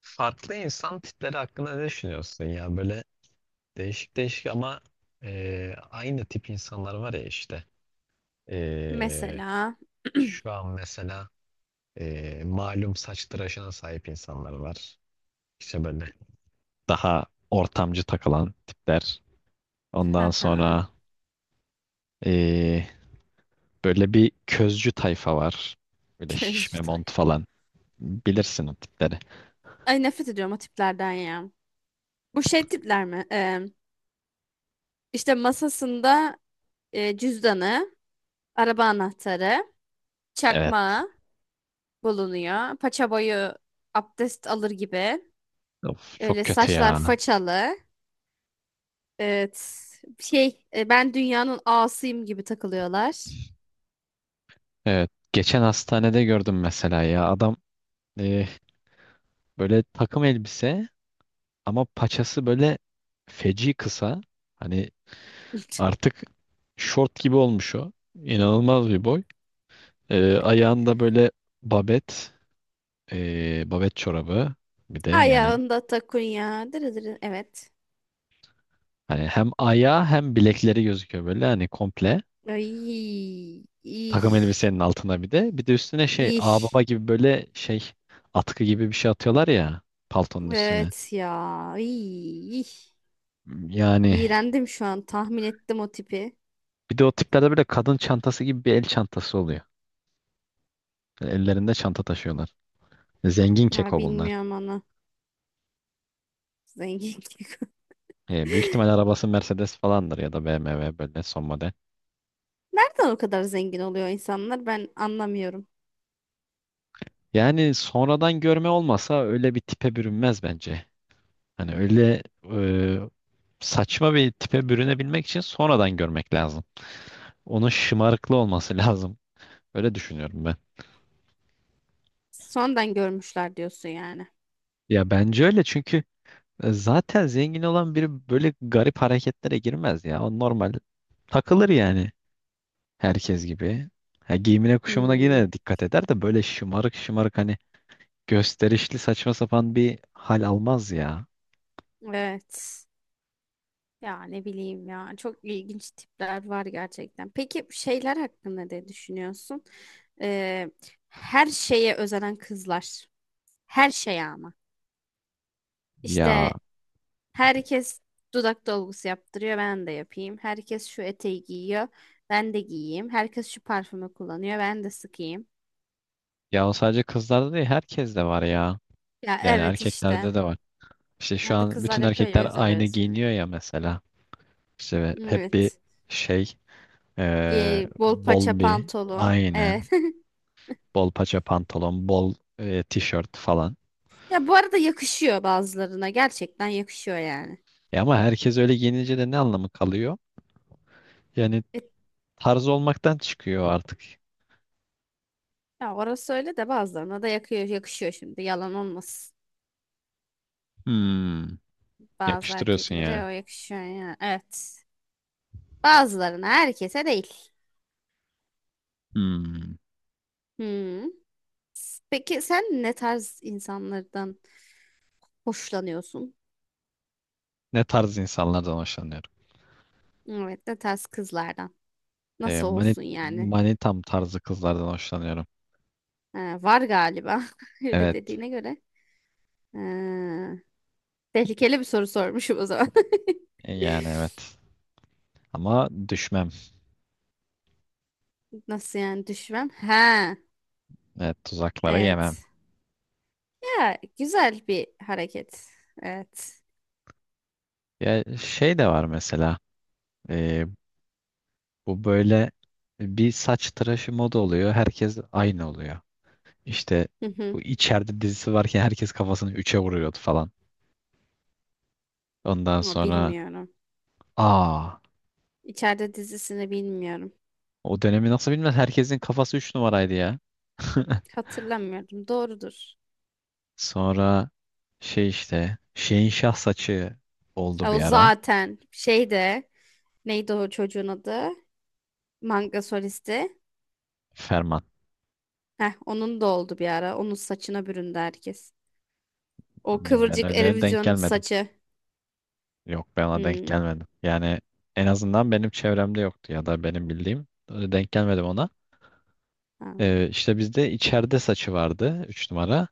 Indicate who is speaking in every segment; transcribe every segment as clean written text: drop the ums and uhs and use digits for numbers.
Speaker 1: Farklı insan tipleri hakkında ne düşünüyorsun ya? Böyle değişik değişik ama aynı tip insanlar var ya işte. E,
Speaker 2: Mesela
Speaker 1: Şu an mesela malum saç tıraşına sahip insanlar var. İşte böyle daha ortamcı takılan tipler. Ondan
Speaker 2: haha,
Speaker 1: sonra e, böyle bir közcü tayfa var. Böyle
Speaker 2: közcü
Speaker 1: şişme mont
Speaker 2: tayfa.
Speaker 1: falan. Bilirsin o tipleri.
Speaker 2: Ay, nefret ediyorum o tiplerden ya. Bu şey tipler mi? İşte masasında cüzdanı, araba anahtarı,
Speaker 1: Evet.
Speaker 2: çakmağı bulunuyor. Paça boyu abdest alır gibi.
Speaker 1: Of, çok
Speaker 2: Öyle
Speaker 1: kötü
Speaker 2: saçlar
Speaker 1: ya.
Speaker 2: façalı. Evet. Şey ben dünyanın ağasıyım gibi takılıyorlar.
Speaker 1: Evet. Geçen hastanede gördüm mesela ya. Adam e, Böyle takım elbise ama paçası böyle feci kısa. Hani artık şort gibi olmuş o. İnanılmaz bir boy. Ayağında böyle babet, babet çorabı. Bir de yani
Speaker 2: Ayağında takunya. Dırı dırı. Evet.
Speaker 1: hani hem ayağı hem bilekleri gözüküyor böyle hani komple.
Speaker 2: Ay, iş,
Speaker 1: Takım elbisenin altına bir de. Bir de üstüne şey ağbaba
Speaker 2: iş.
Speaker 1: gibi böyle şey atkı gibi bir şey atıyorlar ya paltonun üstüne.
Speaker 2: Evet ya.
Speaker 1: Yani
Speaker 2: İğrendim şu an. Tahmin ettim o tipi.
Speaker 1: bir de o tiplerde böyle kadın çantası gibi bir el çantası oluyor. Böyle ellerinde çanta taşıyorlar. Zengin
Speaker 2: Ama
Speaker 1: keko bunlar.
Speaker 2: bilmiyorum onu. Zengin.
Speaker 1: E, büyük ihtimal arabası Mercedes falandır ya da BMW böyle son model.
Speaker 2: Nereden o kadar zengin oluyor insanlar? Ben anlamıyorum.
Speaker 1: Yani sonradan görme olmasa öyle bir tipe bürünmez bence. Hani öyle e, saçma bir tipe bürünebilmek için sonradan görmek lazım. Onun şımarıklı olması lazım. Öyle düşünüyorum ben.
Speaker 2: Sonradan görmüşler diyorsun yani.
Speaker 1: Ya bence öyle çünkü zaten zengin olan biri böyle garip hareketlere girmez ya. O normal takılır yani. Herkes gibi. Ha, giyimine kuşamına
Speaker 2: Hmm,
Speaker 1: yine dikkat eder de böyle şımarık şımarık hani gösterişli saçma sapan bir hal almaz ya.
Speaker 2: evet. Ya ne bileyim ya. Çok ilginç tipler var gerçekten. Peki şeyler hakkında ne düşünüyorsun? Ee, her şeye özenen kızlar. Her şeye ama.
Speaker 1: Ya
Speaker 2: İşte herkes dudak dolgusu yaptırıyor, ben de yapayım. Herkes şu eteği giyiyor, ben de giyeyim. Herkes şu parfümü kullanıyor, ben de sıkayım.
Speaker 1: ya o sadece kızlarda değil herkeste var ya.
Speaker 2: Ya
Speaker 1: Yani
Speaker 2: evet işte.
Speaker 1: erkeklerde de var. İşte şu
Speaker 2: Ya da
Speaker 1: an
Speaker 2: kızlar
Speaker 1: bütün
Speaker 2: yapıyor ya, o
Speaker 1: erkekler
Speaker 2: yüzden
Speaker 1: aynı
Speaker 2: öyle söylüyorum.
Speaker 1: giyiniyor ya mesela. İşte hep bir
Speaker 2: Evet.
Speaker 1: şey
Speaker 2: Bol paça
Speaker 1: bol bir
Speaker 2: pantolon.
Speaker 1: aynen.
Speaker 2: Evet.
Speaker 1: Bol paça pantolon, bol tişört falan.
Speaker 2: Ya bu arada yakışıyor bazılarına. Gerçekten yakışıyor yani.
Speaker 1: E ama herkes öyle giyinince de ne anlamı kalıyor? Yani
Speaker 2: E,
Speaker 1: tarz olmaktan çıkıyor artık.
Speaker 2: ya orası öyle de bazılarına da yakıyor, yakışıyor şimdi. Yalan olmasın.
Speaker 1: Hmm.
Speaker 2: Bazı
Speaker 1: Yakıştırıyorsun yani.
Speaker 2: erkeklere o yakışıyor yani. Evet. Bazılarına, herkese değil.
Speaker 1: Hmm.
Speaker 2: Hmm. Peki sen ne tarz insanlardan hoşlanıyorsun?
Speaker 1: Ne tarz insanlardan hoşlanıyorum?
Speaker 2: Evet, ne tarz kızlardan?
Speaker 1: E,
Speaker 2: Nasıl
Speaker 1: mani,
Speaker 2: olsun yani?
Speaker 1: Manitam tarzı kızlardan hoşlanıyorum.
Speaker 2: Ha, var galiba. Öyle
Speaker 1: Evet.
Speaker 2: dediğine göre. Ha, tehlikeli bir soru sormuşum o zaman.
Speaker 1: Yani evet. Ama düşmem.
Speaker 2: Nasıl yani düşman? Ha,
Speaker 1: Evet, tuzaklara yemem.
Speaker 2: evet. Ya güzel bir hareket. Evet.
Speaker 1: Ya şey de var mesela. E, Bu böyle bir saç tıraşı moda oluyor. Herkes aynı oluyor. İşte
Speaker 2: Hı hı.
Speaker 1: bu içeride dizisi varken herkes kafasını 3'e vuruyordu falan. Ondan
Speaker 2: Ama
Speaker 1: sonra
Speaker 2: bilmiyorum.
Speaker 1: aa
Speaker 2: İçeride dizisini bilmiyorum.
Speaker 1: o dönemi nasıl bilmez herkesin kafası 3 numaraydı ya.
Speaker 2: Hatırlamıyorum. Doğrudur.
Speaker 1: Sonra şey işte şeyin şah saçı oldu
Speaker 2: Ya
Speaker 1: bir
Speaker 2: o
Speaker 1: ara.
Speaker 2: zaten şeyde neydi o çocuğun adı? Manga solisti.
Speaker 1: Ferman.
Speaker 2: Heh, onun da oldu bir ara. Onun saçına büründü herkes. O
Speaker 1: Ben
Speaker 2: kıvırcık
Speaker 1: öyle denk
Speaker 2: Eurovision
Speaker 1: gelmedim.
Speaker 2: saçı.
Speaker 1: Yok ben ona denk
Speaker 2: Hmm.
Speaker 1: gelmedim. Yani en azından benim çevremde yoktu ya da benim bildiğim öyle denk gelmedim ona.
Speaker 2: Ha.
Speaker 1: İşte bizde içeride saçı vardı 3 numara.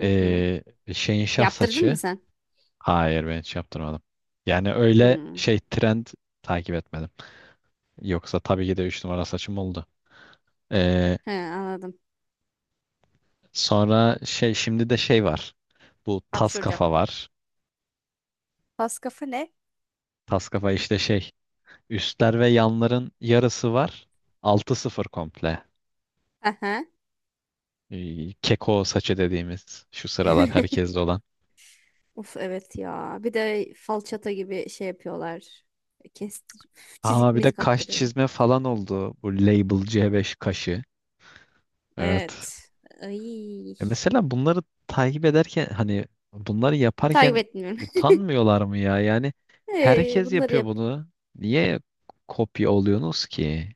Speaker 2: Hı hı.
Speaker 1: Ee, Şeyin şah
Speaker 2: Yaptırdın mı
Speaker 1: saçı.
Speaker 2: sen?
Speaker 1: Hayır ben hiç yaptırmadım. Yani öyle
Speaker 2: Hmm.
Speaker 1: şey trend takip etmedim. Yoksa tabii ki de 3 numara saçım oldu. Ee,
Speaker 2: He, anladım.
Speaker 1: Sonra şey şimdi de şey var. Bu tas
Speaker 2: Hapşuracağım.
Speaker 1: kafa var.
Speaker 2: Pas kafa ne?
Speaker 1: Tas kafa işte şey üstler ve yanların yarısı var. 6-0 komple.
Speaker 2: Aha.
Speaker 1: Keko saçı dediğimiz şu sıralar herkeste olan.
Speaker 2: Of, evet ya. Bir de falçata gibi şey yapıyorlar. Kestir.
Speaker 1: Aa
Speaker 2: Çizik
Speaker 1: bir de
Speaker 2: mizik
Speaker 1: kaş
Speaker 2: attırıyor.
Speaker 1: çizme falan oldu. Bu Label C5 kaşı. Evet.
Speaker 2: Evet. Ay.
Speaker 1: Mesela bunları takip ederken hani bunları
Speaker 2: Takip
Speaker 1: yaparken
Speaker 2: etmiyorum.
Speaker 1: utanmıyorlar mı ya? Yani herkes
Speaker 2: Bunları
Speaker 1: yapıyor
Speaker 2: yap.
Speaker 1: bunu. Niye kopya oluyorsunuz ki?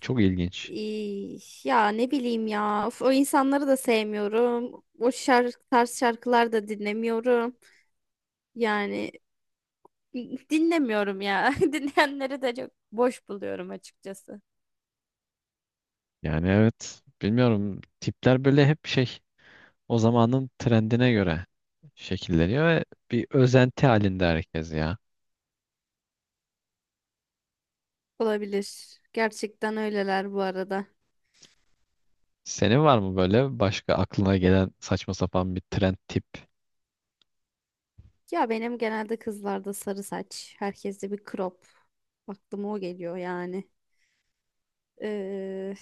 Speaker 1: Çok ilginç.
Speaker 2: Ya ne bileyim ya. Of, o insanları da sevmiyorum. O şarkı, tarz şarkılar da dinlemiyorum. Yani dinlemiyorum ya. Dinleyenleri de çok boş buluyorum açıkçası.
Speaker 1: Yani evet bilmiyorum tipler böyle hep şey o zamanın trendine göre şekilleniyor ve bir özenti halinde herkes ya.
Speaker 2: Olabilir. Gerçekten öyleler bu arada.
Speaker 1: Senin var mı böyle başka aklına gelen saçma sapan bir trend tip?
Speaker 2: Ya benim genelde kızlarda sarı saç. Herkeste bir crop. Aklıma o geliyor yani. Ee,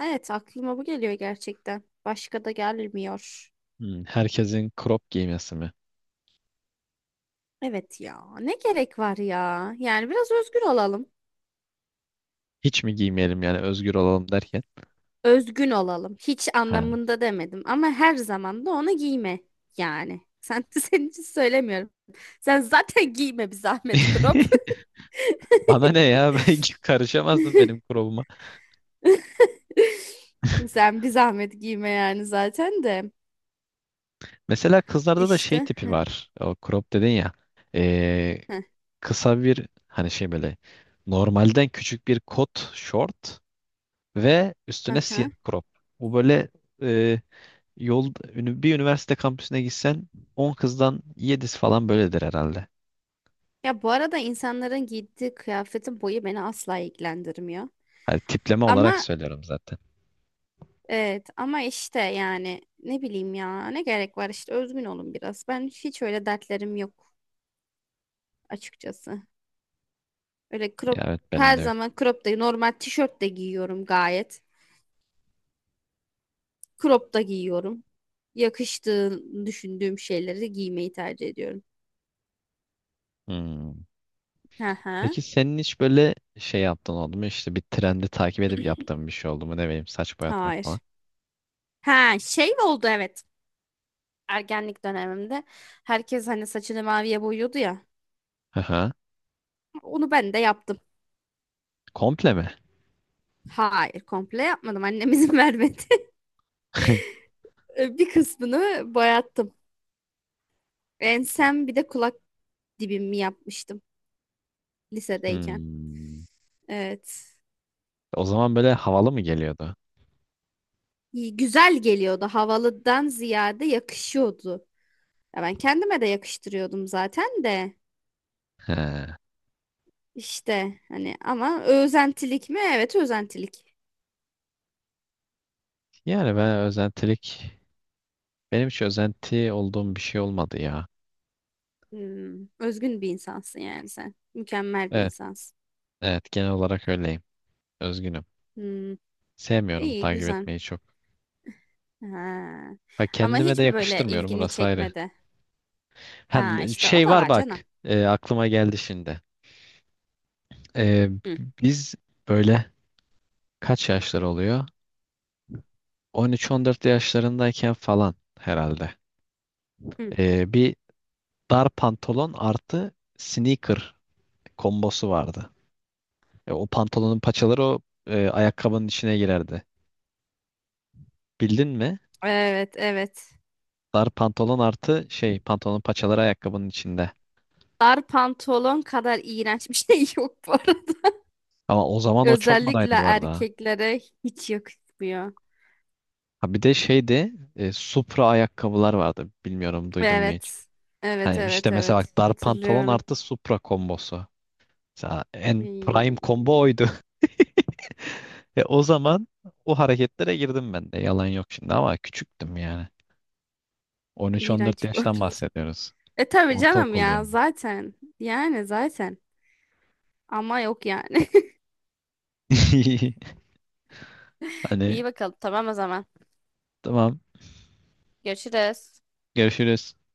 Speaker 2: evet aklıma bu geliyor gerçekten. Başka da gelmiyor.
Speaker 1: Hmm, herkesin crop giymesi mi?
Speaker 2: Evet ya, ne gerek var ya? Yani biraz özgür olalım.
Speaker 1: Hiç mi giymeyelim yani özgür olalım derken?
Speaker 2: Özgün olalım. Hiç
Speaker 1: Ha.
Speaker 2: anlamında demedim, ama her zaman da onu giyme yani. Sen senin için söylemiyorum. Sen zaten giyme bir zahmet crop.
Speaker 1: Bana ne ya? Ben karışamazdım benim crop'uma.
Speaker 2: Sen bir zahmet giyme yani zaten de.
Speaker 1: Mesela kızlarda da şey
Speaker 2: İşte.
Speaker 1: tipi var. O crop dedin ya. Ee,
Speaker 2: Heh,
Speaker 1: Kısa bir hani şey böyle normalden küçük bir kot short ve üstüne siyah
Speaker 2: aha.
Speaker 1: crop. Bu böyle e, bir üniversite kampüsüne gitsen 10 kızdan 7'si falan böyledir herhalde.
Speaker 2: Ya bu arada insanların giydiği kıyafetin boyu beni asla ilgilendirmiyor.
Speaker 1: Hani tipleme olarak
Speaker 2: Ama
Speaker 1: söylüyorum zaten.
Speaker 2: evet, ama işte yani ne bileyim ya, ne gerek var, işte özgün olun biraz. Ben hiç öyle dertlerim yok açıkçası. Öyle
Speaker 1: Ya
Speaker 2: crop,
Speaker 1: evet benim
Speaker 2: her
Speaker 1: de yok.
Speaker 2: zaman crop da normal tişört de giyiyorum gayet. Crop da giyiyorum. Yakıştığını düşündüğüm şeyleri giymeyi tercih ediyorum.
Speaker 1: Hmm.
Speaker 2: Hı hı.
Speaker 1: Peki senin hiç böyle şey yaptığın oldu mu? İşte bir trendi takip edip yaptığın bir şey oldu mu? Ne bileyim saç boyatmak
Speaker 2: Hayır.
Speaker 1: falan.
Speaker 2: Ha şey oldu, evet. Ergenlik dönemimde herkes hani saçını maviye boyuyordu ya.
Speaker 1: Hı hı.
Speaker 2: Onu ben de yaptım.
Speaker 1: Komple mi?
Speaker 2: Hayır, komple yapmadım. Annem izin vermedi. Bir kısmını boyattım. Ensem bir de kulak dibimi yapmıştım lisedeyken.
Speaker 1: Hmm.
Speaker 2: Evet.
Speaker 1: O zaman böyle havalı mı geliyordu?
Speaker 2: Güzel geliyordu. Havalıdan ziyade yakışıyordu. Ya ben kendime de yakıştırıyordum zaten de.
Speaker 1: He.
Speaker 2: İşte hani ama özentilik mi? Evet, özentilik.
Speaker 1: Yani ben özentilik benim hiç özenti olduğum bir şey olmadı ya.
Speaker 2: Hmm, özgün bir insansın yani sen. Mükemmel bir
Speaker 1: Evet,
Speaker 2: insansın.
Speaker 1: evet genel olarak öyleyim. Özgünüm.
Speaker 2: Hmm,
Speaker 1: Sevmiyorum
Speaker 2: iyi
Speaker 1: takip
Speaker 2: güzel.
Speaker 1: etmeyi çok.
Speaker 2: Ha.
Speaker 1: Ha
Speaker 2: Ama
Speaker 1: kendime de
Speaker 2: hiç mi böyle
Speaker 1: yakıştırmıyorum
Speaker 2: ilgini
Speaker 1: orası ayrı.
Speaker 2: çekmedi?
Speaker 1: Ha,
Speaker 2: Ha işte o
Speaker 1: şey
Speaker 2: da
Speaker 1: var
Speaker 2: var
Speaker 1: bak.
Speaker 2: canım.
Speaker 1: Aklıma geldi şimdi. E,
Speaker 2: Hı,
Speaker 1: Biz böyle kaç yaşlar oluyor? 13-14 yaşlarındayken falan herhalde.
Speaker 2: hı.
Speaker 1: Bir dar pantolon artı sneaker kombosu vardı. O pantolonun paçaları o ayakkabının içine girerdi. Bildin mi?
Speaker 2: Evet evet.
Speaker 1: Dar pantolon artı şey pantolonun paçaları ayakkabının içinde.
Speaker 2: Dar pantolon kadar iğrenç bir şey yok bu arada.
Speaker 1: Ama o zaman o çok
Speaker 2: Özellikle
Speaker 1: modaydı bu arada. Ha
Speaker 2: erkeklere hiç yakışmıyor.
Speaker 1: Ha, bir de şeydi Supra ayakkabılar vardı. Bilmiyorum duydun mu hiç?
Speaker 2: Evet. Evet
Speaker 1: Yani işte
Speaker 2: evet
Speaker 1: mesela
Speaker 2: evet.
Speaker 1: bak dar pantolon
Speaker 2: Hatırlıyorum.
Speaker 1: artı Supra kombosu. Mesela en prime
Speaker 2: İy,
Speaker 1: combo oydu. O zaman o hareketlere girdim ben de. Yalan yok şimdi ama küçüktüm yani. 13-14
Speaker 2: İğrenç bu.
Speaker 1: yaştan bahsediyoruz.
Speaker 2: E tabii canım
Speaker 1: Ortaokul
Speaker 2: ya
Speaker 1: yani.
Speaker 2: zaten. Yani zaten. Ama yok yani.
Speaker 1: Hani
Speaker 2: İyi bakalım, tamam o zaman.
Speaker 1: tamam
Speaker 2: Görüşürüz.
Speaker 1: görüşürüz.